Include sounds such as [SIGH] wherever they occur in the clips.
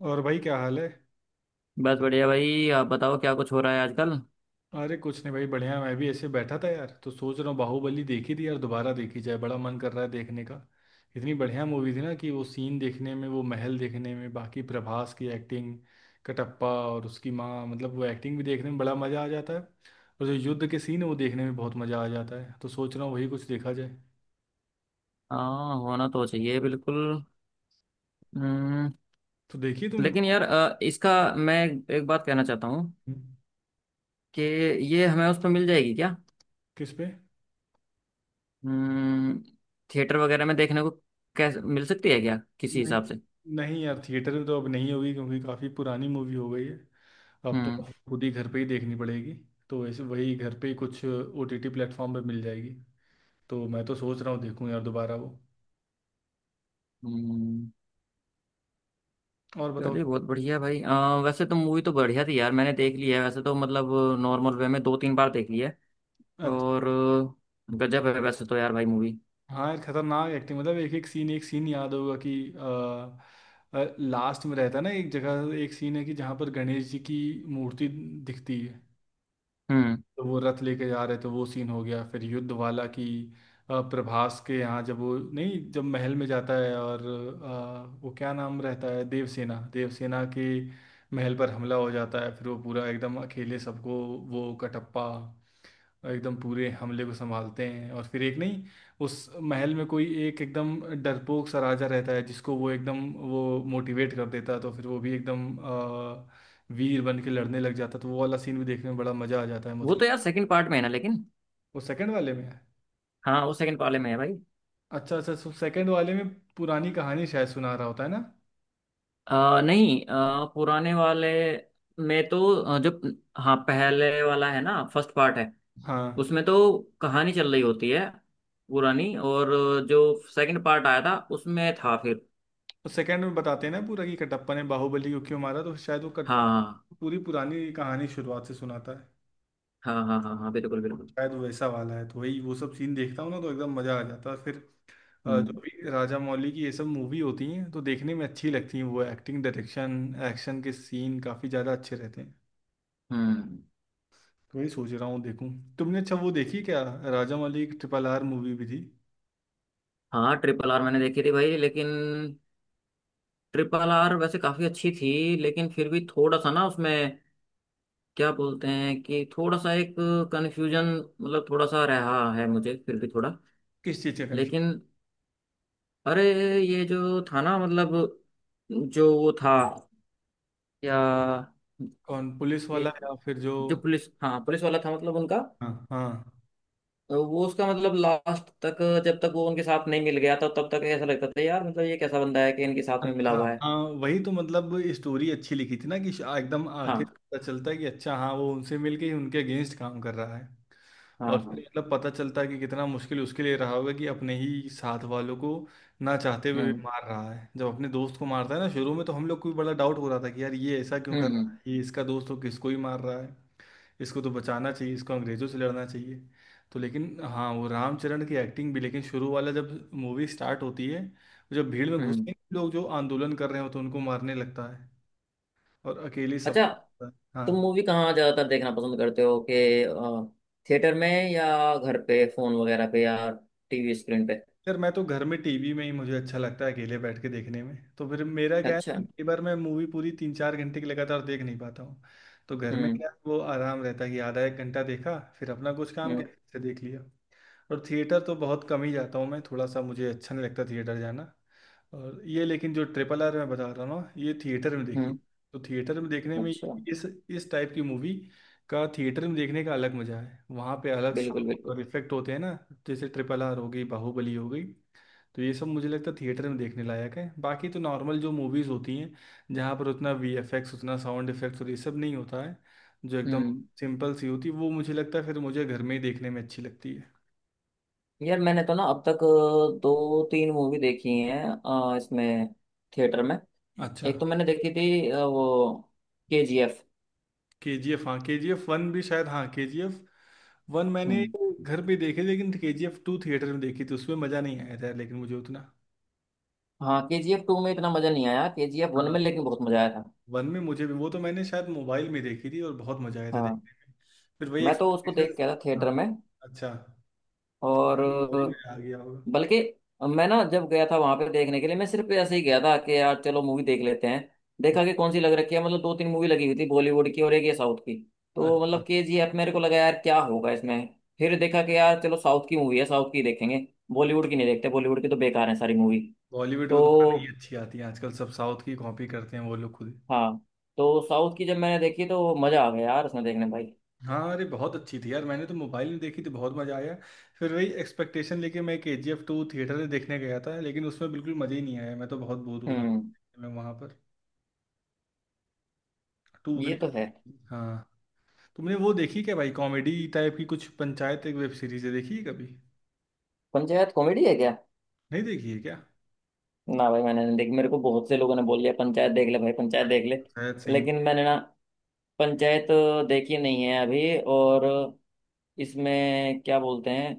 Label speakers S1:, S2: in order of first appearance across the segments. S1: और भाई क्या हाल है।
S2: बस बढ़िया भाई। आप बताओ क्या कुछ हो रहा है आजकल।
S1: अरे कुछ नहीं भाई बढ़िया, मैं भी ऐसे बैठा था यार, तो सोच रहा हूँ बाहुबली देखी थी यार दोबारा देखी जाए, बड़ा मन कर रहा है देखने का। इतनी बढ़िया मूवी थी ना, कि वो सीन देखने में, वो महल देखने में, बाकी प्रभास की एक्टिंग, कटप्पा और उसकी माँ, मतलब वो एक्टिंग भी देखने में बड़ा मज़ा आ जाता है। और जो युद्ध के सीन है वो देखने में बहुत मज़ा आ जाता है, तो सोच रहा हूँ वही कुछ देखा जाए।
S2: हाँ होना तो चाहिए बिल्कुल। हम्म,
S1: तो देखी तुमने
S2: लेकिन यार इसका मैं एक बात कहना चाहता हूँ
S1: बाहुबली?
S2: कि ये हमें उस पर मिल जाएगी क्या।
S1: किस पे?
S2: हम्म, थिएटर वगैरह में देखने को कैसे मिल सकती है क्या किसी
S1: नहीं,
S2: हिसाब से।
S1: नहीं यार थिएटर में तो अब नहीं होगी, क्योंकि काफ़ी पुरानी मूवी हो गई है। अब तो
S2: हम्म।
S1: आपको खुद ही घर पे ही देखनी पड़ेगी। तो ऐसे वही घर पे ही कुछ ओटीटी प्लेटफॉर्म पे मिल जाएगी। तो मैं तो सोच रहा हूँ देखूँ यार दोबारा वो।
S2: हम्म,
S1: और बताओ।
S2: चलिए बहुत बढ़िया भाई। वैसे तो मूवी तो बढ़िया थी यार, मैंने देख ली है वैसे तो मतलब नॉर्मल वे में दो तीन बार देख ली है।
S1: अच्छा।
S2: और गजब है वैसे तो यार भाई मूवी।
S1: हाँ यार खतरनाक एक्टिंग, मतलब एक एक सीन, एक सीन याद होगा कि लास्ट में रहता है ना, एक जगह एक सीन है कि जहाँ पर गणेश जी की मूर्ति दिखती है,
S2: हम्म।
S1: तो वो रथ लेके जा रहे थे, वो सीन हो गया। फिर युद्ध वाला की प्रभास के यहाँ जब वो नहीं, जब महल में जाता है और वो क्या नाम रहता है, देवसेना, देवसेना के महल पर हमला हो जाता है, फिर वो पूरा एकदम अकेले सबको, वो कटप्पा एकदम पूरे हमले को संभालते हैं। और फिर एक नहीं, उस महल में कोई एक एकदम डरपोक सा राजा रहता है, जिसको वो एकदम, वो मोटिवेट कर देता है, तो फिर वो भी एकदम वीर बन के लड़ने लग जाता है, तो वो वाला सीन भी देखने में बड़ा मजा आ जाता है
S2: वो
S1: मुझको।
S2: तो यार सेकंड पार्ट में है ना लेकिन।
S1: वो सेकंड वाले में है।
S2: हाँ वो सेकंड वाले में है भाई।
S1: अच्छा अच्छा, सो सेकंड वाले में पुरानी कहानी शायद सुना रहा होता है ना।
S2: नहीं पुराने वाले में तो जो, हाँ पहले वाला है ना, फर्स्ट पार्ट है
S1: हाँ,
S2: उसमें तो कहानी चल रही होती है पुरानी। और जो सेकंड पार्ट आया था उसमें था फिर।
S1: तो सेकंड में बताते हैं ना पूरा कि कटप्पा ने बाहुबली को क्यों मारा, तो शायद वो कट
S2: हाँ
S1: पूरी पुरानी कहानी शुरुआत से सुनाता है।
S2: हाँ हाँ हाँ हाँ बिल्कुल बिल्कुल।
S1: शायद वो वैसा वाला है, तो वही वो सब सीन देखता हूँ ना तो एकदम मज़ा आ जाता है फिर।
S2: हम्म
S1: जो भी राजा मौली की ये सब मूवी होती हैं तो देखने में अच्छी लगती हैं, वो एक्टिंग, डायरेक्शन, एक्शन के सीन काफ़ी ज़्यादा अच्छे रहते हैं।
S2: हम्म।
S1: तो वही सोच रहा हूँ देखूँ। तुमने अच्छा वो देखी क्या, राजा मौली की ट्रिपल आर मूवी भी थी?
S2: हाँ RRR मैंने देखी थी भाई, लेकिन RRR वैसे काफी अच्छी थी, लेकिन फिर भी थोड़ा सा ना उसमें क्या बोलते हैं कि थोड़ा सा एक कन्फ्यूजन मतलब थोड़ा सा रहा है मुझे फिर भी थोड़ा।
S1: किस चीज़ का
S2: लेकिन,
S1: कंफ्यूज?
S2: अरे, ये जो था ना मतलब, जो वो था, या
S1: कौन, पुलिस वाला
S2: एक
S1: या फिर जो?
S2: जो पुलिस, हाँ पुलिस वाला था मतलब उनका,
S1: हाँ हाँ।
S2: वो उसका मतलब लास्ट तक जब तक वो उनके साथ नहीं मिल गया था तब तक ऐसा लगता था यार, मतलब ये कैसा बंदा है कि इनके साथ में मिला
S1: अच्छा
S2: हुआ है।
S1: हाँ, वही तो, मतलब स्टोरी अच्छी लिखी थी ना कि एकदम आखिर
S2: हाँ
S1: पता चलता है कि अच्छा हाँ, वो उनसे मिलके ही उनके अगेंस्ट काम कर रहा है।
S2: हाँ
S1: और फिर
S2: हाँ।
S1: मतलब पता चलता है कि कितना मुश्किल उसके लिए रहा होगा कि अपने ही साथ वालों को ना चाहते हुए
S2: हम्म
S1: भी मार रहा है। जब अपने दोस्त को मारता है ना शुरू में, तो हम लोग को भी बड़ा डाउट हो रहा था कि यार ये ऐसा क्यों कर रहा
S2: हम्म।
S1: है, ये इसका दोस्त हो, किसको ही मार रहा है, इसको तो बचाना चाहिए, इसको अंग्रेजों से लड़ना चाहिए। तो लेकिन हाँ, वो रामचरण की एक्टिंग भी, लेकिन शुरू वाला जब मूवी स्टार्ट होती है, जब भीड़ में घुसते हैं
S2: हम्म।
S1: लोग जो आंदोलन कर रहे हो तो उनको मारने लगता है, और अकेले सब।
S2: अच्छा
S1: हाँ
S2: तुम मूवी कहाँ ज्यादातर देखना पसंद करते हो कि थिएटर में या घर पे फोन वगैरह पे या टीवी स्क्रीन पे।
S1: यार मैं तो घर में टीवी में ही मुझे अच्छा लगता है अकेले बैठ के देखने में। तो फिर मेरा क्या है,
S2: अच्छा।
S1: कई बार मैं मूवी पूरी 3 4 घंटे की लगातार देख नहीं पाता हूँ, तो घर में
S2: हम्म
S1: क्या है, वो आराम रहता है कि आधा 1 घंटा देखा, फिर अपना कुछ काम
S2: हम्म
S1: किया, फिर से देख लिया। और थिएटर तो बहुत कम ही जाता हूँ मैं, थोड़ा सा मुझे अच्छा नहीं लगता थिएटर जाना। और ये लेकिन जो ट्रिपल आर मैं बता रहा हूँ ना, ये थिएटर में देखी,
S2: हम्म।
S1: तो थिएटर में देखने में,
S2: अच्छा।
S1: इस टाइप की मूवी का थिएटर में देखने का अलग मजा है, वहाँ पे अलग
S2: बिल्कुल
S1: साउंड
S2: बिल्कुल।
S1: और इफेक्ट होते हैं ना। जैसे ट्रिपल आर हो गई, बाहुबली हो गई, तो ये सब मुझे लगता है थिएटर में देखने लायक है। बाकी तो नॉर्मल जो मूवीज़ होती हैं, जहाँ पर उतना वी एफ एक्स, उतना साउंड इफेक्ट्स और ये सब नहीं होता है, जो एकदम
S2: हम्म।
S1: सिंपल सी होती है, वो मुझे लगता है फिर मुझे घर में ही देखने में अच्छी लगती है।
S2: यार मैंने तो ना अब तक दो तीन मूवी देखी हैं इसमें थिएटर में।
S1: अच्छा।
S2: एक तो मैंने देखी थी वो KGF।
S1: केजीएफ, हाँ केजीएफ वन भी शायद, हाँ केजीएफ वन मैंने
S2: हम्म।
S1: घर पे देखी, लेकिन केजीएफ टू थिएटर में देखी थी, उसमें मज़ा नहीं आया था लेकिन मुझे उतना।
S2: हाँ KGF 2 में इतना मजा नहीं आया, KGF 1
S1: हाँ
S2: में लेकिन बहुत मजा आया था।
S1: वन में मुझे भी, वो तो मैंने शायद मोबाइल में देखी थी और बहुत मज़ा आया था
S2: हाँ
S1: देखने में। फिर वही
S2: मैं तो उसको
S1: एक्सपेक्टेशन।
S2: देख के आया था
S1: हाँ।
S2: थिएटर में।
S1: अच्छा।
S2: और
S1: सॉरी मैं आ गया होगा।
S2: बल्कि मैं ना जब गया था वहां पे देखने के लिए, मैं सिर्फ ऐसे ही गया था कि यार चलो मूवी देख लेते हैं। देखा कि कौन सी लग रखी है, मतलब दो तीन मूवी लगी हुई थी बॉलीवुड की और एक ये साउथ की। तो
S1: अच्छा।
S2: मतलब KGF, मेरे को लगा यार क्या होगा इसमें। फिर देखा कि यार चलो साउथ की मूवी है, साउथ की देखेंगे, बॉलीवुड की नहीं देखते, बॉलीवुड की तो बेकार है सारी मूवी।
S1: बॉलीवुड को
S2: तो
S1: तो खाना नहीं अच्छी आती है आजकल, सब साउथ की कॉपी करते हैं वो लोग खुद।
S2: हाँ, तो साउथ की जब मैंने देखी तो मजा आ गया यार उसमें देखने भाई।
S1: हाँ अरे बहुत अच्छी थी यार, मैंने तो मोबाइल में देखी थी, बहुत मज़ा आया। फिर वही एक्सपेक्टेशन लेके मैं K G F two theatre में देखने गया था, लेकिन उसमें बिल्कुल मज़ा ही नहीं आया, मैं तो बहुत बोर हो रहा था
S2: हम्म।
S1: मैं वहाँ पर। टू
S2: ये
S1: उतनी।
S2: तो है।
S1: [LAUGHS] हाँ। तुमने वो देखी क्या भाई, कॉमेडी टाइप की कुछ, पंचायत एक वेब सीरीज है, देखी है कभी?
S2: पंचायत कॉमेडी है क्या।
S1: नहीं देखी है क्या?
S2: ना भाई मैंने नहीं देखी, मेरे को बहुत से लोगों ने बोल लिया पंचायत देख ले भाई, पंचायत
S1: भाई
S2: देख ले।
S1: पंचायत सही।
S2: लेकिन मैंने ना पंचायत देखी नहीं है अभी, और इसमें क्या बोलते हैं,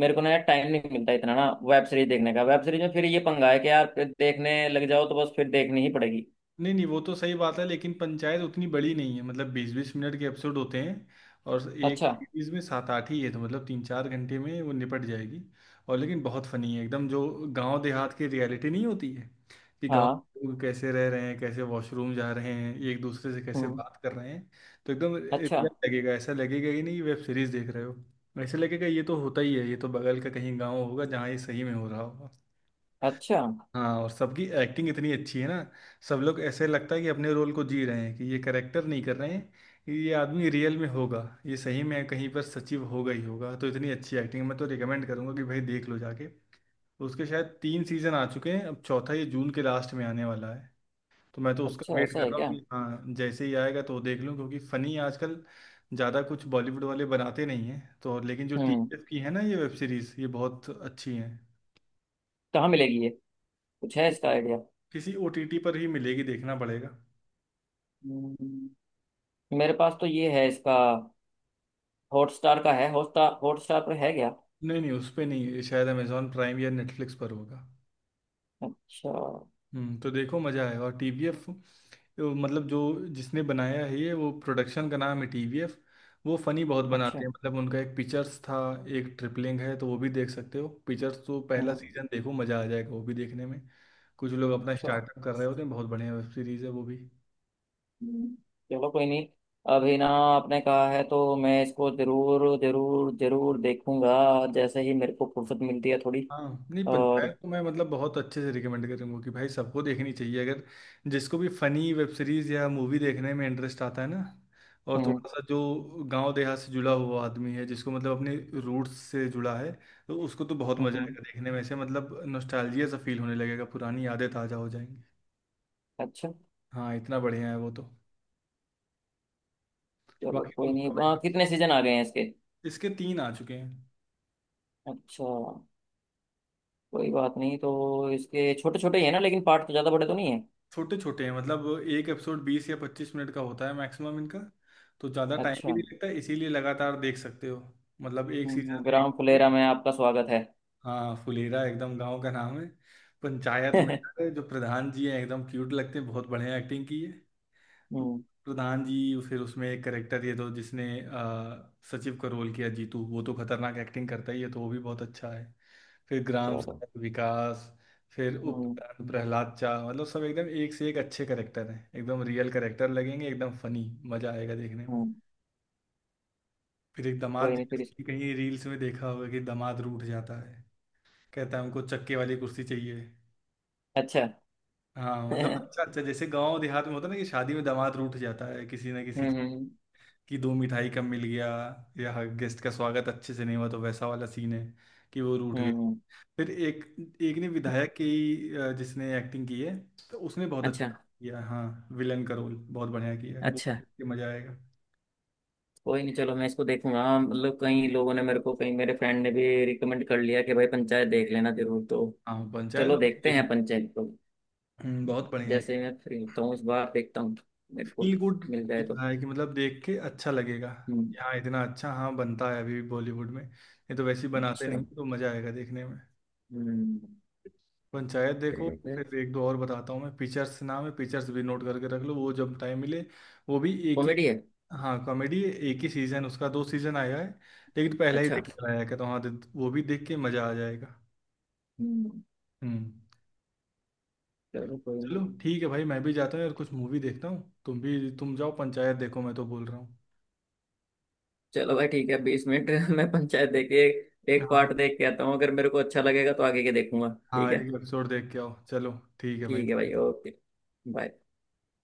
S2: मेरे को ना यार टाइम नहीं मिलता इतना ना वेब सीरीज देखने का। वेब सीरीज में फिर ये पंगा है कि यार फिर देखने लग जाओ तो बस फिर देखनी ही पड़ेगी।
S1: नहीं नहीं, वो तो सही बात है, लेकिन पंचायत उतनी बड़ी नहीं है, मतलब 20 20 मिनट के एपिसोड होते हैं, और एक
S2: अच्छा।
S1: सीरीज में 7 8 ही है, तो मतलब 3 4 घंटे में वो निपट जाएगी। और लेकिन बहुत फनी है एकदम, जो गांव देहात की रियलिटी नहीं होती है, कि गांव
S2: हाँ।
S1: के लोग कैसे रह रहे हैं, कैसे वॉशरूम जा रहे हैं, एक दूसरे से कैसे
S2: हम्म।
S1: बात कर रहे हैं, तो एकदम
S2: अच्छा।
S1: रियल लगेगा, ऐसा लगेगा ही नहीं कि वेब सीरीज देख रहे हो। ऐसे लगेगा ये तो होता ही है, ये तो बगल का कहीं गाँव होगा जहाँ ये सही में हो रहा होगा।
S2: अच्छा।
S1: हाँ, और सबकी एक्टिंग इतनी अच्छी है ना, सब लोग, ऐसे लगता है कि अपने रोल को जी रहे हैं, कि ये करेक्टर नहीं कर रहे हैं, ये आदमी रियल में होगा, ये सही में कहीं पर सचिव होगा ही होगा। तो इतनी अच्छी एक्टिंग, मैं तो रिकमेंड करूंगा कि भाई देख लो जाके। उसके शायद 3 सीजन आ चुके हैं, अब चौथा ये जून के लास्ट में आने वाला है। तो मैं तो उसका
S2: अच्छा
S1: वेट
S2: ऐसा
S1: कर
S2: है
S1: रहा हूँ
S2: क्या।
S1: कि हाँ जैसे ही आएगा तो देख लूँ, क्योंकि फ़नी आजकल ज़्यादा कुछ बॉलीवुड वाले बनाते नहीं हैं तो, और लेकिन जो
S2: हम्म।
S1: टीएफ की है ना ये वेब सीरीज़, ये बहुत अच्छी हैं।
S2: कहाँ मिलेगी ये, कुछ है इसका आइडिया।
S1: किसी ओटीटी पर ही मिलेगी, देखना पड़ेगा।
S2: हम्म। मेरे पास तो ये है इसका, हॉटस्टार का है हॉटस्टार, हॉटस्टार पर है क्या।
S1: नहीं नहीं उस पे नहीं, ये शायद अमेजोन प्राइम या नेटफ्लिक्स पर होगा।
S2: अच्छा।
S1: तो देखो मज़ा आएगा। और टीवीएफ, मतलब जो, जिसने बनाया है ये, वो प्रोडक्शन का नाम है टीवीएफ, वो फनी बहुत बनाते
S2: अच्छा।
S1: हैं। मतलब उनका एक पिक्चर्स था, एक ट्रिपलिंग है, तो वो भी देख सकते हो। पिक्चर्स तो पहला
S2: हम्म।
S1: सीजन देखो मज़ा आ जाएगा, वो भी देखने में। कुछ लोग अपना
S2: अच्छा।
S1: स्टार्टअप कर रहे होते हैं, बहुत बढ़िया वेब सीरीज़ है वो भी।
S2: हम्म। चलो कोई नहीं। अभी ना आपने कहा है तो मैं इसको जरूर जरूर जरूर देखूंगा, जैसे ही मेरे को फुर्सत मिलती है थोड़ी।
S1: हाँ नहीं
S2: और
S1: पंचायत तो मैं मतलब बहुत अच्छे से रिकमेंड करूंगा कि भाई सबको देखनी चाहिए, अगर जिसको भी फनी वेब सीरीज या मूवी देखने में इंटरेस्ट आता है ना, और
S2: हम्म
S1: थोड़ा सा जो गांव देहात से जुड़ा हुआ आदमी है, जिसको मतलब अपने रूट्स से जुड़ा है, तो उसको तो बहुत मजा
S2: हम्म।
S1: आएगा देखने में, ऐसे मतलब नॉस्टैल्जिया सा फील होने लगेगा, पुरानी यादें ताजा हो जाएंगी।
S2: अच्छा।
S1: हाँ इतना बढ़िया है वो तो।
S2: चलो
S1: बाकी और
S2: कोई नहीं,
S1: बताओ भाई।
S2: कितने सीजन आ गए हैं इसके।
S1: इसके 3 आ चुके हैं।
S2: अच्छा। कोई बात नहीं, तो इसके छोटे छोटे ही है ना लेकिन, पार्ट तो ज़्यादा बड़े तो नहीं है।
S1: छोटे छोटे हैं, मतलब एक एपिसोड 20 या 25 मिनट का होता है मैक्सिमम इनका, तो ज़्यादा टाइम भी
S2: अच्छा।
S1: नहीं लगता, इसीलिए लगातार देख सकते हो। मतलब एक सीजन एक।
S2: ग्राम फुलेरा में आपका स्वागत है।
S1: हाँ फुलेरा एकदम गांव का नाम है पंचायत में।
S2: [LAUGHS]
S1: है, जो प्रधान जी हैं एकदम क्यूट लगते हैं, बहुत बढ़िया एक्टिंग की
S2: हम्म।
S1: प्रधान जी। फिर उसमें एक करेक्टर ये तो, जिसने सचिव का रोल किया, जीतू, वो तो खतरनाक एक्टिंग करता ही है, तो वो भी बहुत अच्छा है। फिर ग्राम
S2: चलो।
S1: सड़क विकास, फिर उप
S2: हम्म
S1: प्रधान प्रहलाद चा, मतलब सब एकदम एक से एक अच्छे करेक्टर हैं, एकदम रियल करेक्टर लगेंगे, एकदम फनी। मजा आएगा देखने में।
S2: हम्म।
S1: फिर एक दामाद
S2: कोई
S1: जी
S2: नहीं
S1: का
S2: फिर
S1: scene कहीं रील्स में देखा होगा कि दामाद रूठ जाता है, कहता है हमको चक्के वाली कुर्सी चाहिए।
S2: अच्छा।
S1: हाँ
S2: [LAUGHS]
S1: मतलब
S2: हम्म
S1: अच्छा अच्छा, जैसे गांव देहात में होता है ना कि शादी में दामाद रूठ जाता है किसी ना किसी,
S2: हम्म
S1: कि 2 मिठाई कम मिल गया, या गेस्ट का स्वागत अच्छे से नहीं हुआ, तो वैसा वाला सीन है कि वो रूठ गया।
S2: हम्म।
S1: फिर एक, एक ने विधायक की, जिसने एक्टिंग की है, तो उसने बहुत
S2: अच्छा।
S1: अच्छा किया, हाँ विलन का रोल बहुत बढ़िया किया है, वो
S2: अच्छा
S1: देख के मजा आएगा।
S2: कोई नहीं, चलो मैं इसको देखूंगा हाँ, मतलब कई लोगों ने मेरे को, कहीं मेरे फ्रेंड ने भी रिकमेंड कर लिया कि भाई पंचायत देख लेना जरूर, तो
S1: हाँ पंचायत
S2: चलो
S1: मतलब
S2: देखते
S1: देख।
S2: हैं पंचायत को।
S1: बहुत बढ़िया।
S2: जैसे ही मैं फ्री होता हूँ इस बार देखता हूँ। मेरे को
S1: फील गुड
S2: मिल जाए तो।
S1: है कि, मतलब देख के अच्छा लगेगा,
S2: हम्म।
S1: यहाँ इतना अच्छा हाँ बनता है अभी भी, बॉलीवुड में नहीं तो वैसे ही बनाते
S2: अच्छा।
S1: नहीं, तो मजा आएगा देखने में।
S2: हम्म।
S1: पंचायत देखो। फिर एक दो और बताता हूँ मैं, पिक्चर्स नाम है, पिक्चर्स भी नोट करके रख लो, वो जब टाइम मिले, वो भी एक ही।
S2: कॉमेडी है।
S1: हाँ कॉमेडी, एक ही सीजन उसका, 2 सीजन आया है, लेकिन पहला ही
S2: अच्छा।
S1: देख चला आया कहता हूँ, हाँ वो भी देख के मज़ा आ जाएगा।
S2: हम्म,
S1: हम्म।
S2: चलो कोई नहीं।
S1: चलो ठीक है भाई, मैं भी जाता हूँ यार, कुछ मूवी देखता हूँ, तुम भी तुम जाओ पंचायत देखो, मैं तो बोल रहा हूँ।
S2: चलो भाई ठीक है। 20 मिनट [LAUGHS] मैं पंचायत देख के एक
S1: हाँ।
S2: पार्ट देख के आता हूँ, अगर मेरे को अच्छा लगेगा तो आगे के देखूंगा।
S1: हाँ
S2: ठीक है।
S1: एक एपिसोड देख के आओ, चलो ठीक है भाई,
S2: ठीक है
S1: बाय।
S2: भाई ओके। बाय।